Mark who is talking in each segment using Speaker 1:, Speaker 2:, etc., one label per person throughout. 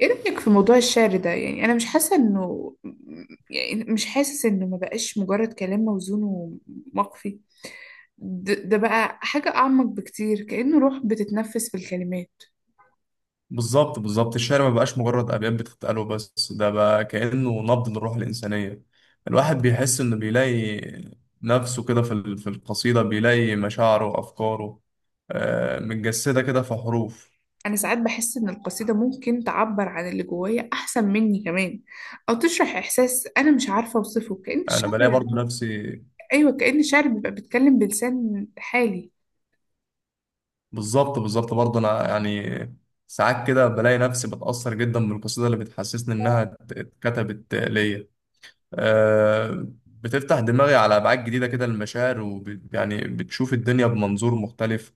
Speaker 1: ايه رأيك في موضوع الشعر ده؟ يعني انا مش حاسة انه، يعني مش حاسس انه ما بقاش مجرد كلام موزون ومقفي. ده بقى حاجة اعمق بكتير، كأنه روح بتتنفس في الكلمات.
Speaker 2: بالظبط الشعر ما بقاش مجرد أبيات بتتقال وبس، ده بقى كأنه نبض للروح الإنسانية. الواحد بيحس إنه بيلاقي نفسه كده في القصيدة، بيلاقي مشاعره وأفكاره متجسدة كده في حروف.
Speaker 1: انا ساعات بحس ان القصيدة ممكن تعبر عن اللي جوايا احسن مني كمان، او تشرح احساس انا مش عارفة اوصفه، كأن
Speaker 2: أنا
Speaker 1: الشعر.
Speaker 2: بلاقي برضو نفسي.
Speaker 1: ايوه، كأن الشعر بيبقى بيتكلم بلسان حالي.
Speaker 2: بالظبط برضو أنا ساعات كده بلاقي نفسي بتأثر جدا بالقصيدة اللي بتحسسني إنها اتكتبت ليا. آه، بتفتح دماغي على أبعاد جديدة كده للمشاعر، ويعني بتشوف الدنيا بمنظور مختلف.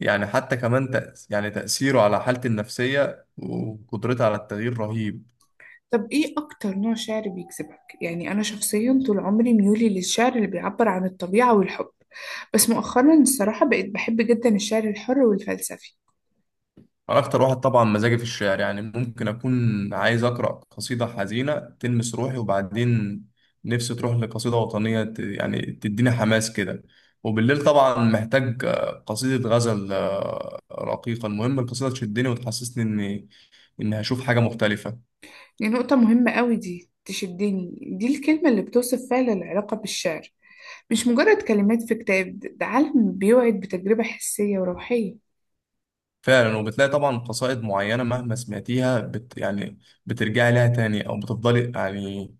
Speaker 2: يعني حتى كمان تأس يعني تأثيره على حالتي النفسية وقدرتي على التغيير رهيب.
Speaker 1: طب ايه اكتر نوع شعر بيجذبك؟ يعني انا شخصيا طول عمري ميولي للشعر اللي بيعبر عن الطبيعة والحب، بس مؤخرا الصراحة بقيت بحب جدا الشعر الحر والفلسفي.
Speaker 2: أنا أكتر واحد طبعا مزاجي في الشعر، يعني ممكن أكون عايز أقرأ قصيدة حزينة تلمس روحي، وبعدين نفسي تروح لقصيدة وطنية تديني حماس كده، وبالليل طبعا محتاج قصيدة غزل رقيقة. المهم القصيدة تشدني وتحسسني إني هشوف حاجة مختلفة.
Speaker 1: دي نقطة مهمة قوي، دي تشدني، دي الكلمة اللي بتوصف فعلا العلاقة بالشعر. مش مجرد كلمات في كتاب، ده عالم بيوعد بتجربة حسية وروحية.
Speaker 2: فعلا، وبتلاقي طبعا قصائد معينة مهما سمعتيها بت يعني بترجعي لها تاني، أو بتفضلي يعني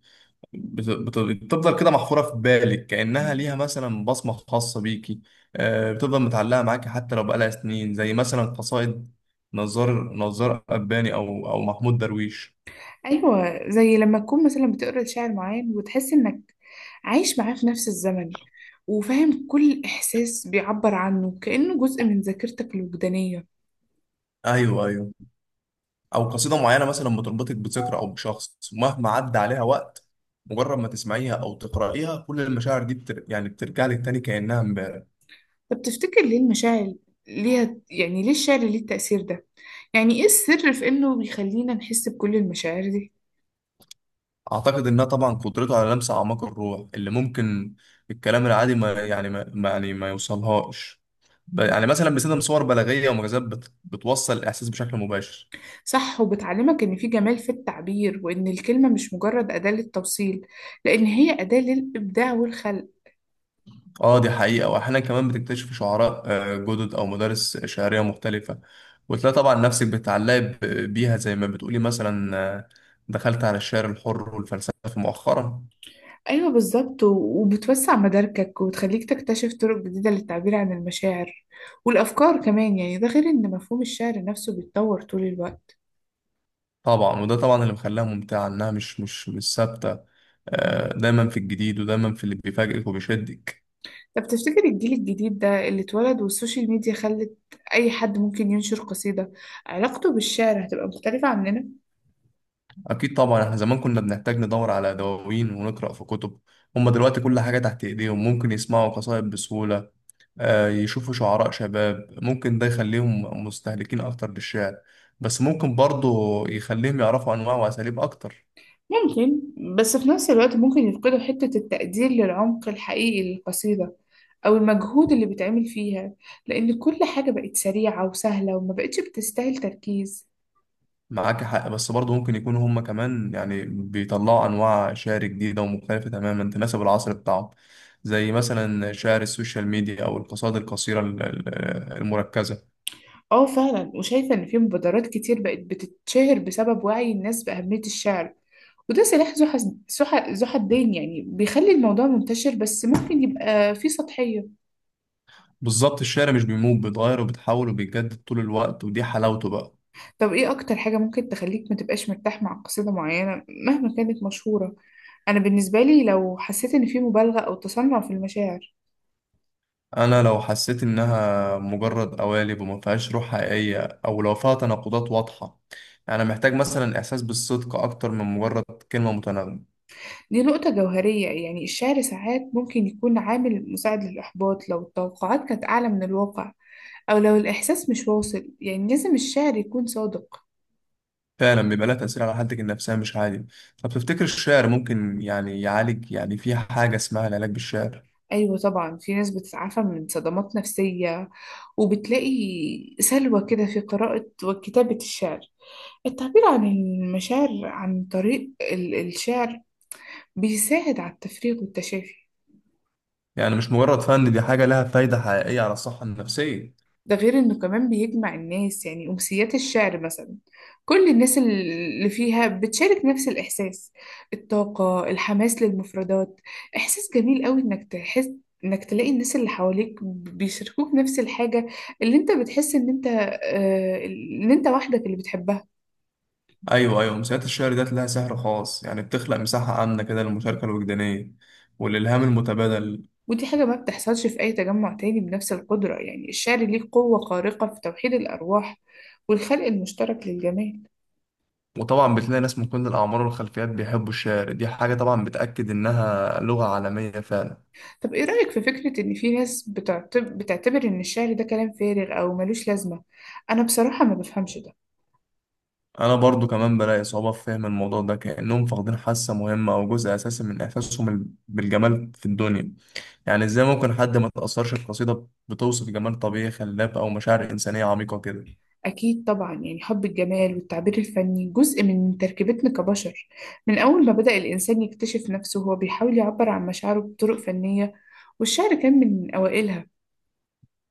Speaker 2: بت بت بتفضل كده محفورة في بالك، كأنها ليها مثلا بصمة خاصة بيكي. بتفضل متعلقة معاكي حتى لو بقالها سنين، زي مثلا قصائد نزار قباني، أو محمود درويش.
Speaker 1: أيوة، زي لما تكون مثلا بتقرأ شعر معين وتحس إنك عايش معاه في نفس الزمن، وفاهم كل إحساس بيعبر عنه، كأنه جزء من ذاكرتك الوجدانية.
Speaker 2: أيوه أيوه. أو قصيدة معينة مثلا بتربطك بذكرى أو بشخص، مهما عدى عليها وقت، مجرد ما تسمعيها أو تقرأيها كل المشاعر دي بترجع لك تاني كأنها امبارح.
Speaker 1: طب تفتكر ليه المشاعر ليها، يعني ليه الشعر ليه التأثير ده؟ يعني إيه السر في إنه بيخلينا نحس بكل المشاعر دي؟
Speaker 2: اعتقد انها طبعا قدرته على لمس اعماق الروح اللي ممكن الكلام العادي ما يوصلهاش. مثلا بيستخدم صور بلاغيه ومجازات بتوصل الاحساس بشكل مباشر.
Speaker 1: صح، وبتعلمك إن في جمال في التعبير، وإن الكلمة مش مجرد أداة للتوصيل، لأن هي أداة للإبداع والخلق.
Speaker 2: اه دي حقيقه. واحيانا كمان بتكتشف شعراء جدد او مدارس شعريه مختلفه، وتلاقي طبعا نفسك بتتعلقي بيها، زي ما بتقولي مثلا دخلت على الشعر الحر والفلسفه مؤخرا.
Speaker 1: أيوة بالظبط، وبتوسع مداركك وتخليك تكتشف طرق جديدة للتعبير عن المشاعر والأفكار كمان. يعني ده غير إن مفهوم الشعر نفسه بيتطور طول الوقت.
Speaker 2: طبعا، وده طبعا اللي مخليها ممتعة، إنها مش ثابتة. دايما في الجديد، ودايما في اللي بيفاجئك وبيشدك.
Speaker 1: طب تفتكر الجيل الجديد ده، اللي اتولد والسوشيال ميديا خلت أي حد ممكن ينشر قصيدة، علاقته بالشعر هتبقى مختلفة عننا؟
Speaker 2: أكيد طبعا، إحنا زمان كنا بنحتاج ندور على دواوين ونقرأ في كتب، هما دلوقتي كل حاجة تحت إيديهم، ممكن يسمعوا قصائد بسهولة، يشوفوا شعراء شباب. ممكن ده يخليهم مستهلكين أكتر للشعر، بس ممكن برضه يخليهم يعرفوا أنواع وأساليب أكتر.
Speaker 1: ممكن. بس في نفس الوقت ممكن يفقدوا حتة التقدير للعمق الحقيقي للقصيدة، أو المجهود اللي بيتعمل فيها، لأن كل حاجة بقت سريعة وسهلة وما بقتش بتستاهل تركيز.
Speaker 2: معاك حق، بس برضه ممكن يكونوا هم كمان يعني بيطلعوا أنواع شعر جديدة ومختلفة تماما تناسب العصر بتاعهم، زي مثلا شعر السوشيال ميديا أو القصائد القصيرة المركزة.
Speaker 1: اه فعلا، وشايفة ان في مبادرات كتير بقت بتتشهر بسبب وعي الناس بأهمية الشعر، وده سلاح ذو ذو حدين. يعني بيخلي الموضوع منتشر بس ممكن يبقى فيه سطحية.
Speaker 2: بالظبط، الشعر مش بيموت، بيتغير وبيتحول وبيتجدد طول الوقت، ودي حلاوته بقى.
Speaker 1: طب ايه اكتر حاجة ممكن تخليك ما تبقاش مرتاح مع قصيدة معينة مهما كانت مشهورة؟ انا بالنسبة لي، لو حسيت ان في مبالغة او تصنع في المشاعر.
Speaker 2: أنا لو حسيت إنها مجرد قوالب وما فيهاش روح حقيقية، أو لو فيها تناقضات واضحة، يعني محتاج مثلا إحساس بالصدق أكتر من مجرد كلمة متناغمة.
Speaker 1: دي نقطة جوهرية، يعني الشعر ساعات ممكن يكون عامل مساعد للإحباط لو التوقعات كانت أعلى من الواقع، أو لو الإحساس مش واصل. يعني لازم الشعر يكون صادق.
Speaker 2: فعلا بيبقى لها تأثير على حالتك النفسية مش عادي. طب تفتكر الشعر ممكن يعني يعالج؟ يعني في حاجة اسمها العلاج بالشعر؟
Speaker 1: أيوة طبعا، في ناس بتتعافى من صدمات نفسية وبتلاقي سلوى كده في قراءة وكتابة الشعر. التعبير عن المشاعر عن طريق الشعر بيساعد على التفريغ والتشافي.
Speaker 2: يعني مش مجرد فن، دي حاجة لها فايدة حقيقية على الصحة النفسية.
Speaker 1: ده غير انه كمان بيجمع الناس، يعني امسيات الشعر مثلا، كل الناس اللي فيها بتشارك نفس الاحساس، الطاقة، الحماس للمفردات. احساس جميل قوي انك تحس، انك تلاقي الناس اللي حواليك بيشاركوك نفس الحاجة اللي انت بتحس ان انت ان انت وحدك اللي بتحبها.
Speaker 2: أيوة أيوة، أمسيات الشعر ديت لها سحر خاص، يعني بتخلق مساحة آمنة كده للمشاركة الوجدانية والإلهام المتبادل.
Speaker 1: ودي حاجة ما بتحصلش في اي تجمع تاني بنفس القدرة. يعني الشعر ليه قوة خارقة في توحيد الارواح والخلق المشترك للجمال.
Speaker 2: وطبعا بتلاقي ناس من كل الأعمار والخلفيات بيحبوا الشعر، دي حاجة طبعا بتأكد إنها لغة عالمية فعلا.
Speaker 1: طب ايه رأيك في فكرة ان في ناس بتعتبر ان الشعر ده كلام فارغ او ملوش لازمة؟ انا بصراحة ما بفهمش ده.
Speaker 2: انا برضو كمان بلاقي صعوبة في فهم الموضوع ده، كأنهم فاقدين حاسة مهمة او جزء اساسي من احساسهم بالجمال في الدنيا. يعني ازاي ممكن حد ما تأثرش بقصيدة بتوصف جمال طبيعي خلاب او مشاعر انسانية عميقة كده؟
Speaker 1: اكيد طبعا، يعني حب الجمال والتعبير الفني جزء من تركيبتنا كبشر. من اول ما بدأ الانسان يكتشف نفسه وهو بيحاول يعبر عن مشاعره بطرق فنية، والشعر كان من اوائلها.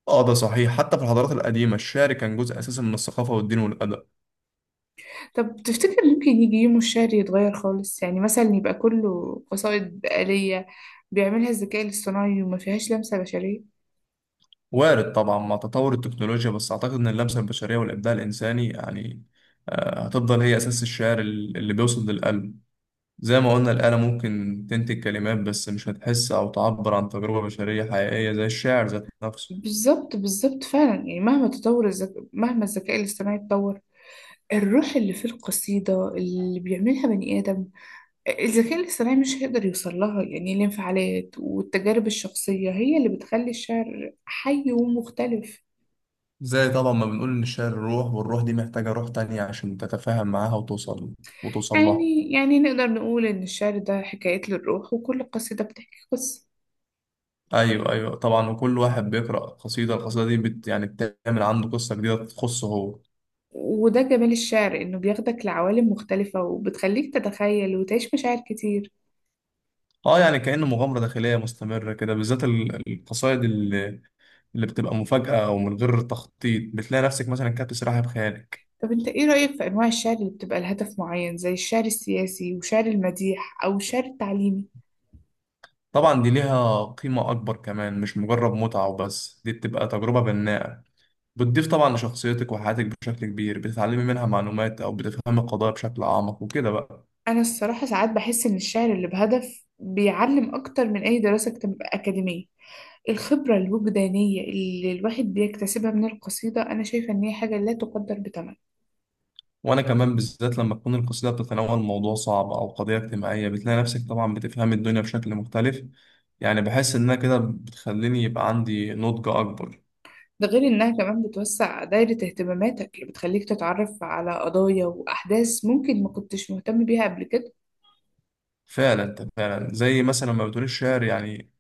Speaker 2: اه ده صحيح، حتى في الحضارات القديمة الشعر كان جزء اساسي من الثقافة والدين والادب.
Speaker 1: طب تفتكر ممكن يجي يوم الشعر يتغير خالص؟ يعني مثلا يبقى كله قصائد بقالية بيعملها الذكاء الاصطناعي وما فيهاش لمسة بشرية.
Speaker 2: وارد طبعا مع تطور التكنولوجيا، بس اعتقد ان اللمسة البشرية والابداع الانساني يعني هتفضل هي اساس الشعر اللي بيوصل للقلب. زي ما قلنا، الآلة ممكن تنتج كلمات بس مش هتحس أو تعبر عن تجربة بشرية حقيقية زي الشاعر ذات نفسه.
Speaker 1: بالظبط بالظبط فعلا، يعني مهما الذكاء الاصطناعي اتطور، الروح اللي في القصيدة اللي بيعملها بني آدم الذكاء الاصطناعي مش هيقدر يوصل لها. يعني الانفعالات والتجارب الشخصية هي اللي بتخلي الشعر حي ومختلف.
Speaker 2: زي طبعا ما بنقول إن الشعر روح، والروح دي محتاجة روح تانية عشان تتفاهم معاها وتوصل لها.
Speaker 1: يعني نقدر نقول إن الشعر ده حكايات للروح، وكل قصيدة بتحكي قصة.
Speaker 2: أيوه أيوه طبعا، وكل واحد بيقرأ قصيدة، القصيدة دي بت يعني بتعمل عنده قصة جديدة تخصه هو.
Speaker 1: وده جمال الشعر، إنه بياخدك لعوالم مختلفة وبتخليك تتخيل وتعيش مشاعر كتير.
Speaker 2: اه يعني كأنه مغامرة داخلية مستمرة كده، بالذات القصائد اللي بتبقى مفاجأة أو من غير تخطيط، بتلاقي نفسك مثلا كاتب سلاحف خيالك.
Speaker 1: طب انت ايه رأيك في انواع الشعر اللي بتبقى لهدف معين، زي الشعر السياسي وشعر المديح او الشعر التعليمي؟
Speaker 2: طبعا دي ليها قيمة أكبر كمان، مش مجرد متعة وبس، دي بتبقى تجربة بناءة، بتضيف طبعا لشخصيتك وحياتك بشكل كبير، بتتعلمي منها معلومات أو بتفهمي القضايا بشكل أعمق وكده بقى.
Speaker 1: انا الصراحة ساعات بحس ان الشعر اللي بهدف بيعلم اكتر من اي دراسة اكاديمية. الخبرة الوجدانية اللي الواحد بيكتسبها من القصيدة انا شايفة ان هي حاجة لا تقدر بثمن.
Speaker 2: وأنا كمان، بالذات لما تكون القصيدة بتتناول موضوع صعب أو قضية اجتماعية، بتلاقي نفسك طبعا بتفهمي الدنيا بشكل مختلف. يعني بحس إنها كده بتخليني يبقى عندي نضج أكبر.
Speaker 1: ده غير انها كمان بتوسع دايرة اهتماماتك، اللي بتخليك تتعرف على قضايا واحداث ممكن ما كنتش مهتم بيها قبل كده.
Speaker 2: فعلا أنت فعلا، زي مثلا ما بتقول الشعر يعني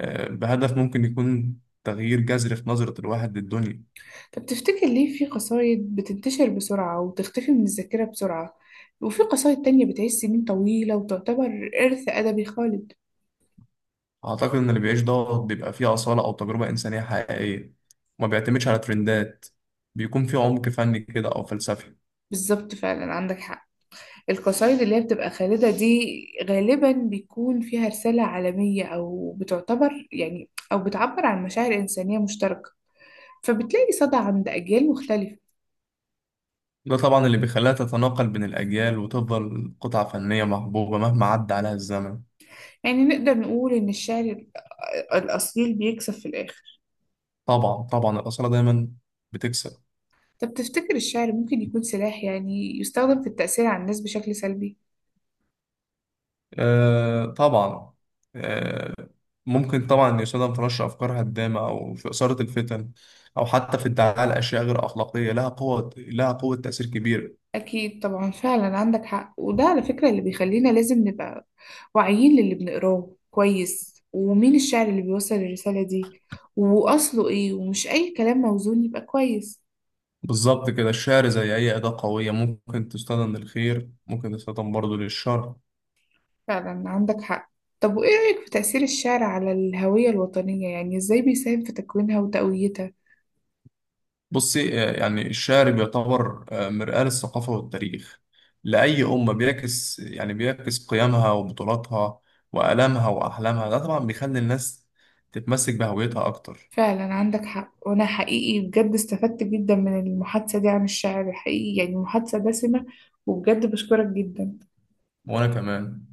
Speaker 2: بهدف ممكن يكون تغيير جذري في نظرة الواحد للدنيا.
Speaker 1: طب تفتكر ليه في قصايد بتنتشر بسرعة وتختفي من الذاكرة بسرعة، وفي قصايد تانية بتعيش سنين طويلة وتعتبر إرث أدبي خالد؟
Speaker 2: أعتقد إن اللي بيعيش ده بيبقى فيه أصالة أو تجربة إنسانية حقيقية، وما بيعتمدش على ترندات، بيكون فيه عمق فني كده أو فلسفي.
Speaker 1: بالظبط، فعلا عندك حق. القصايد اللي هي بتبقى خالدة دي، غالبا بيكون فيها رسالة عالمية، أو بتعتبر يعني أو بتعبر عن مشاعر إنسانية مشتركة، فبتلاقي صدى عند أجيال مختلفة.
Speaker 2: ده طبعا اللي بيخليها تتناقل بين الأجيال، وتفضل قطعة فنية محبوبة مهما عدى عليها الزمن.
Speaker 1: يعني نقدر نقول إن الشعر الأصيل بيكسب في الآخر.
Speaker 2: طبعا الأصالة دايما بتكسب.
Speaker 1: طب تفتكر الشعر ممكن يكون سلاح يعني يستخدم في التأثير على الناس بشكل سلبي؟
Speaker 2: آه طبعا. آه. ممكن طبعا يستخدم في نشر أفكار هدامة أو في إثارة الفتن، أو حتى في ادعاء الأشياء غير أخلاقية، لها قوة تأثير كبير.
Speaker 1: أكيد طبعا، فعلا عندك حق. وده على فكرة اللي بيخلينا لازم نبقى واعيين للي بنقراه كويس، ومين الشاعر اللي بيوصل الرسالة دي وأصله إيه، ومش أي كلام موزون يبقى كويس.
Speaker 2: بالظبط كده، الشعر زي أي أداة قوية، ممكن تستخدم للخير، ممكن تستخدم برضه للشر.
Speaker 1: فعلا عندك حق. طب وإيه رأيك في تأثير الشعر على الهوية الوطنية؟ يعني إزاي بيساهم في تكوينها وتقويتها؟
Speaker 2: بصي يعني الشعر بيعتبر مرآة للثقافة والتاريخ لأي أمة، بيعكس قيمها وبطولاتها وآلامها وأحلامها. ده طبعا بيخلي الناس تتمسك بهويتها أكتر.
Speaker 1: فعلا عندك حق. وأنا حقيقي بجد استفدت جدا من المحادثة دي عن الشعر. حقيقي يعني المحادثة دسمة، وبجد بشكرك جدا.
Speaker 2: وأنا كمان.